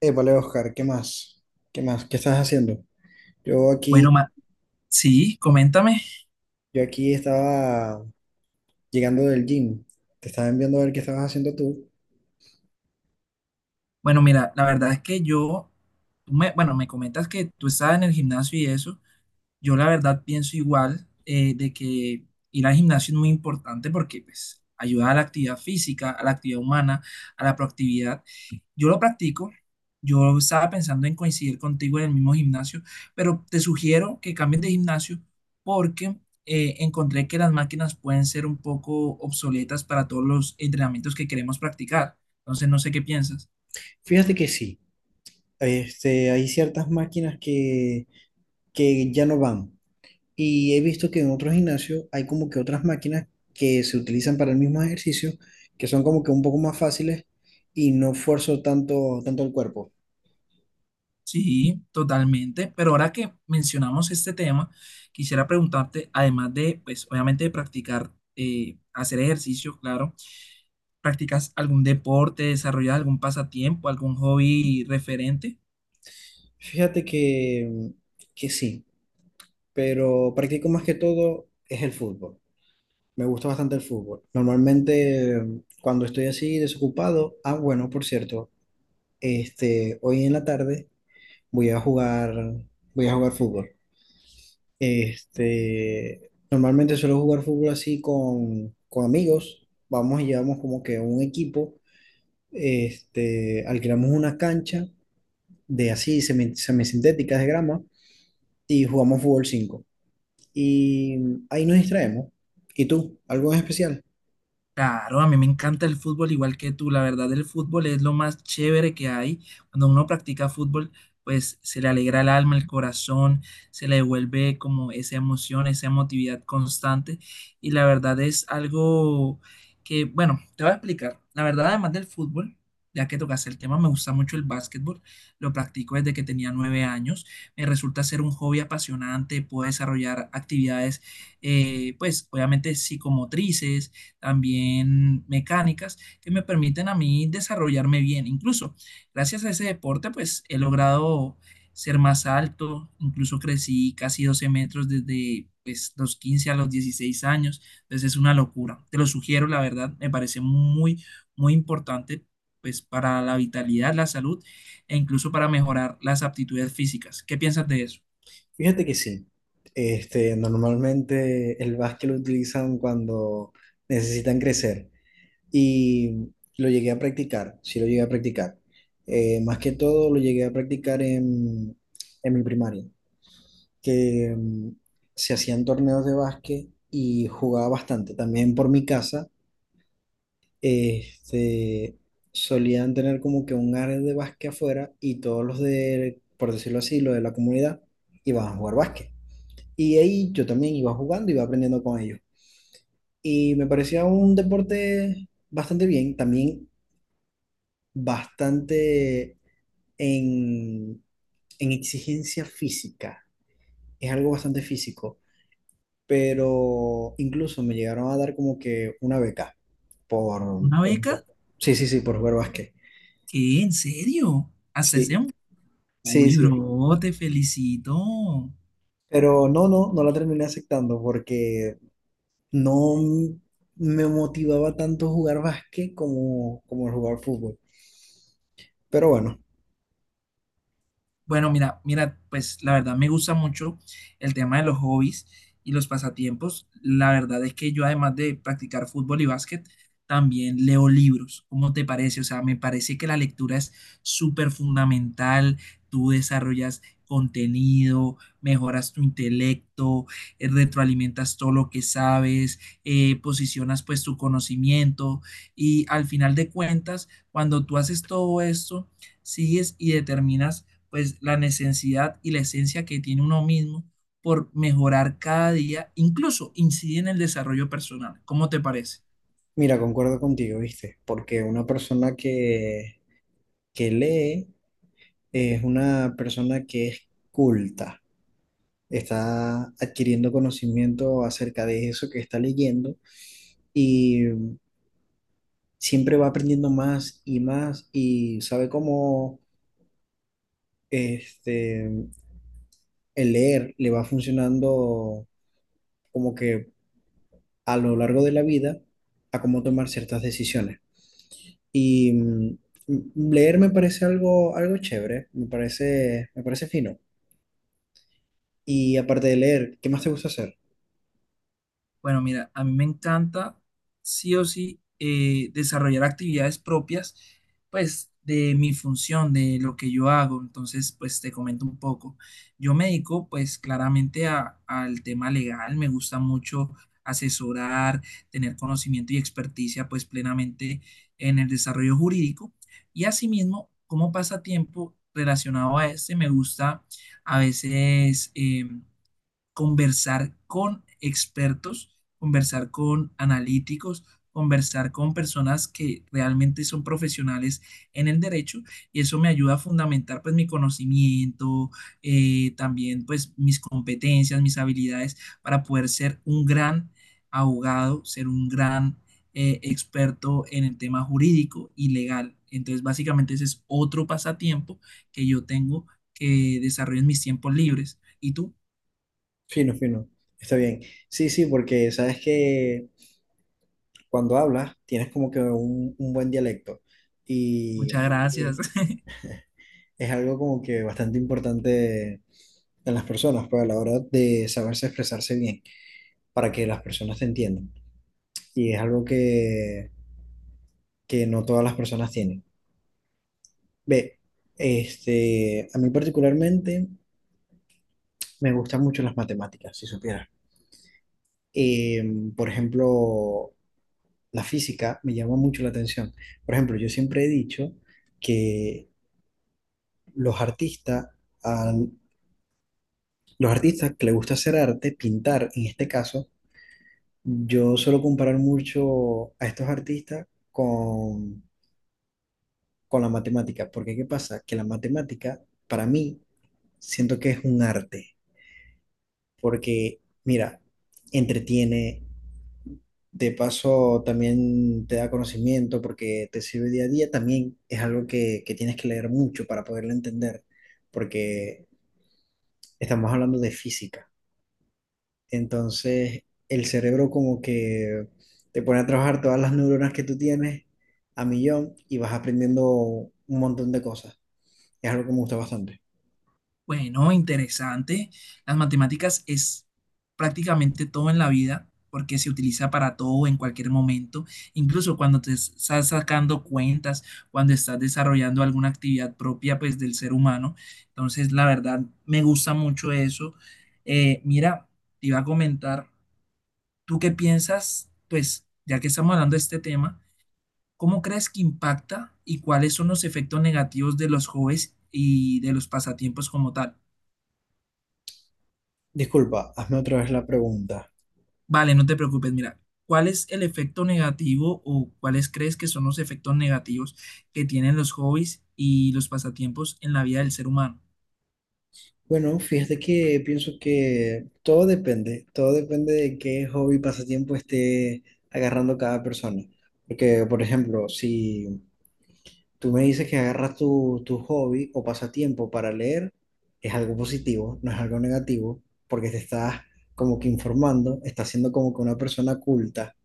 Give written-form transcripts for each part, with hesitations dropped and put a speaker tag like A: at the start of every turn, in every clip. A: Épale, Oscar, ¿qué más? ¿Qué más? ¿Qué estás haciendo? Yo
B: Bueno,
A: aquí,
B: ma- sí, coméntame.
A: yo aquí estaba llegando del gym. Te estaba enviando a ver qué estabas haciendo tú.
B: Bueno, mira, la verdad es que yo, bueno, me comentas que tú estabas en el gimnasio y eso. Yo la verdad pienso igual de que ir al gimnasio es muy importante porque pues ayuda a la actividad física, a la actividad humana, a la proactividad. Yo lo practico. Yo estaba pensando en coincidir contigo en el mismo gimnasio, pero te sugiero que cambies de gimnasio porque encontré que las máquinas pueden ser un poco obsoletas para todos los entrenamientos que queremos practicar. Entonces, no sé qué piensas.
A: Fíjate que sí, hay ciertas máquinas que ya no van. Y he visto que en otros gimnasios hay como que otras máquinas que se utilizan para el mismo ejercicio, que son como que un poco más fáciles y no esfuerzo tanto el cuerpo.
B: Sí, totalmente. Pero ahora que mencionamos este tema, quisiera preguntarte, además de, pues, obviamente de practicar, hacer ejercicio, claro, ¿practicas algún deporte, desarrollas algún pasatiempo, algún hobby referente?
A: Fíjate que sí, pero practico más que todo es el fútbol. Me gusta bastante el fútbol. Normalmente cuando estoy así desocupado, ah, bueno, por cierto, hoy en la tarde voy a jugar, voy a jugar fútbol. Normalmente suelo jugar fútbol así con amigos. Vamos y llevamos como que un equipo, alquilamos una cancha de así semisintéticas de grama y jugamos fútbol 5 y ahí nos distraemos. ¿Y tú? ¿Algo en especial?
B: Claro, a mí me encanta el fútbol igual que tú. La verdad, el fútbol es lo más chévere que hay. Cuando uno practica fútbol, pues se le alegra el alma, el corazón, se le devuelve como esa emoción, esa emotividad constante. Y la verdad es algo que, bueno, te voy a explicar. La verdad, además del fútbol, ya que tocaste el tema, me gusta mucho el básquetbol. Lo practico desde que tenía 9 años. Me resulta ser un hobby apasionante. Puedo desarrollar actividades, pues obviamente psicomotrices también mecánicas que me permiten a mí desarrollarme bien. Incluso gracias a ese deporte, pues he logrado ser más alto, incluso crecí casi 12 metros desde pues, los 15 a los 16 años, entonces es una locura. Te lo sugiero, la verdad, me parece muy, muy importante pues para la vitalidad, la salud e incluso para mejorar las aptitudes físicas. ¿Qué piensas de eso?
A: Fíjate que sí. Normalmente el básquet lo utilizan cuando necesitan crecer y lo llegué a practicar, sí lo llegué a practicar. Más que todo lo llegué a practicar en mi primaria, que se hacían torneos de básquet y jugaba bastante. También por mi casa, este, solían tener como que un área de básquet afuera y todos los de, por decirlo así, los de la comunidad iban a jugar básquet. Y ahí yo también iba jugando, iba aprendiendo con ellos. Y me parecía un deporte bastante bien, también bastante en, en exigencia física. Es algo bastante físico, pero incluso me llegaron a dar como que una beca por...
B: ¿Una beca?
A: por- sí, sí, sí, por jugar básquet.
B: ¿Qué? ¿En serio? ¿Hasta ese...
A: Sí, sí,
B: Uy,
A: sí.
B: bro, te felicito.
A: Pero no la terminé aceptando porque no m- me motivaba tanto jugar básquet como el jugar fútbol. Pero bueno.
B: Bueno, mira, mira, pues la verdad me gusta mucho el tema de los hobbies y los pasatiempos. La verdad es que yo además de practicar fútbol y básquet, también leo libros. ¿Cómo te parece? O sea, me parece que la lectura es súper fundamental. Tú desarrollas contenido, mejoras tu intelecto, retroalimentas todo lo que sabes, posicionas pues tu conocimiento y al final de cuentas, cuando tú haces todo esto, sigues y determinas pues la necesidad y la esencia que tiene uno mismo por mejorar cada día, incluso incide en el desarrollo personal. ¿Cómo te parece?
A: Mira, concuerdo contigo, ¿viste? Porque una persona que lee es una persona que es culta, está adquiriendo conocimiento acerca de eso que está leyendo y siempre va aprendiendo más y más y sabe cómo este, el leer le va funcionando como que a lo largo de la vida a cómo tomar ciertas decisiones. Y leer me parece algo chévere, me parece fino. Y aparte de leer, ¿qué más te gusta hacer?
B: Bueno, mira, a mí me encanta sí o sí desarrollar actividades propias, pues de mi función, de lo que yo hago. Entonces, pues te comento un poco. Yo me dedico pues claramente al tema legal, me gusta mucho asesorar, tener conocimiento y experticia pues plenamente en el desarrollo jurídico. Y asimismo, como pasatiempo relacionado a este, me gusta a veces... conversar con expertos, conversar con analíticos, conversar con personas que realmente son profesionales en el derecho y eso me ayuda a fundamentar pues mi conocimiento, también pues mis competencias, mis habilidades para poder ser un gran abogado, ser un gran experto en el tema jurídico y legal. Entonces básicamente ese es otro pasatiempo que yo tengo que desarrollo en mis tiempos libres. ¿Y tú?
A: Fino, fino. Está bien. Sí, sí, porque sabes que cuando hablas tienes como que un buen dialecto y
B: Muchas gracias.
A: y es algo como que bastante importante en las personas, pues a la hora de saberse expresarse bien, para que las personas te entiendan. Y es algo que no todas las personas tienen. Ve, a mí particularmente me gustan mucho las matemáticas, si supieras. Por ejemplo, la física me llama mucho la atención. Por ejemplo, yo siempre he dicho que los artistas, al- los artistas que les gusta hacer arte, pintar en este caso, yo suelo comparar mucho a estos artistas con, con la matemática, porque ¿qué pasa? Que la matemática, para mí, siento que es un arte. Porque, mira, entretiene, de paso también te da conocimiento porque te sirve día a día, también es algo que tienes que leer mucho para poderlo entender, porque estamos hablando de física, entonces el cerebro como que te pone a trabajar todas las neuronas que tú tienes a millón y vas aprendiendo un montón de cosas, es algo que me gusta bastante.
B: Bueno, interesante. Las matemáticas es prácticamente todo en la vida porque se utiliza para todo en cualquier momento, incluso cuando te estás sacando cuentas, cuando estás desarrollando alguna actividad propia pues del ser humano. Entonces, la verdad, me gusta mucho eso. Mira, te iba a comentar, ¿tú qué piensas? Pues ya que estamos hablando de este tema. ¿Cómo crees que impacta y cuáles son los efectos negativos de los hobbies y de los pasatiempos como tal?
A: Disculpa, hazme otra vez la pregunta.
B: Vale, no te preocupes, mira, ¿cuál es el efecto negativo o cuáles crees que son los efectos negativos que tienen los hobbies y los pasatiempos en la vida del ser humano?
A: Bueno, fíjate que pienso que todo depende de qué hobby, pasatiempo esté agarrando cada persona. Porque, por ejemplo, si tú me dices que agarras tu hobby o pasatiempo para leer, es algo positivo, no es algo negativo, porque te estás como que informando, estás siendo como que una persona culta.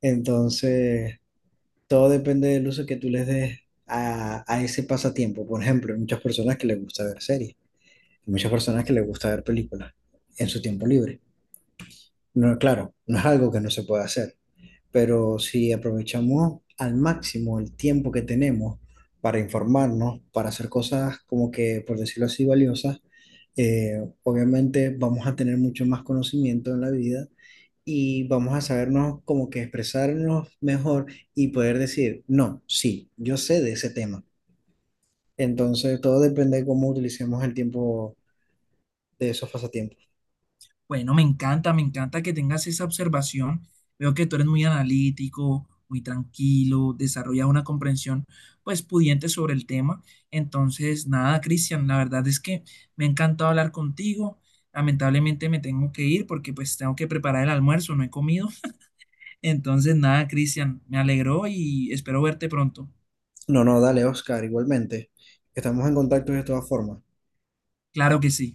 A: Entonces, todo depende del uso que tú les des a ese pasatiempo. Por ejemplo, hay muchas personas que les gusta ver series. Muchas personas que les gusta ver películas en su tiempo libre. No, claro, no es algo que no se pueda hacer, pero si aprovechamos al máximo el tiempo que tenemos para informarnos, para hacer cosas como que, por decirlo así, valiosas, obviamente vamos a tener mucho más conocimiento en la vida y vamos a sabernos como que expresarnos mejor y poder decir, no, sí, yo sé de ese tema. Entonces, todo depende de cómo utilicemos el tiempo de esos pasatiempos.
B: Bueno, me encanta que tengas esa observación. Veo que tú eres muy analítico, muy tranquilo, desarrollas una comprensión pues pudiente sobre el tema. Entonces, nada, Cristian, la verdad es que me ha encantado hablar contigo. Lamentablemente me tengo que ir porque pues tengo que preparar el almuerzo, no he comido. Entonces, nada, Cristian, me alegró y espero verte pronto.
A: No, no, dale, Oscar, igualmente. Estamos en contacto de todas formas.
B: Claro que sí.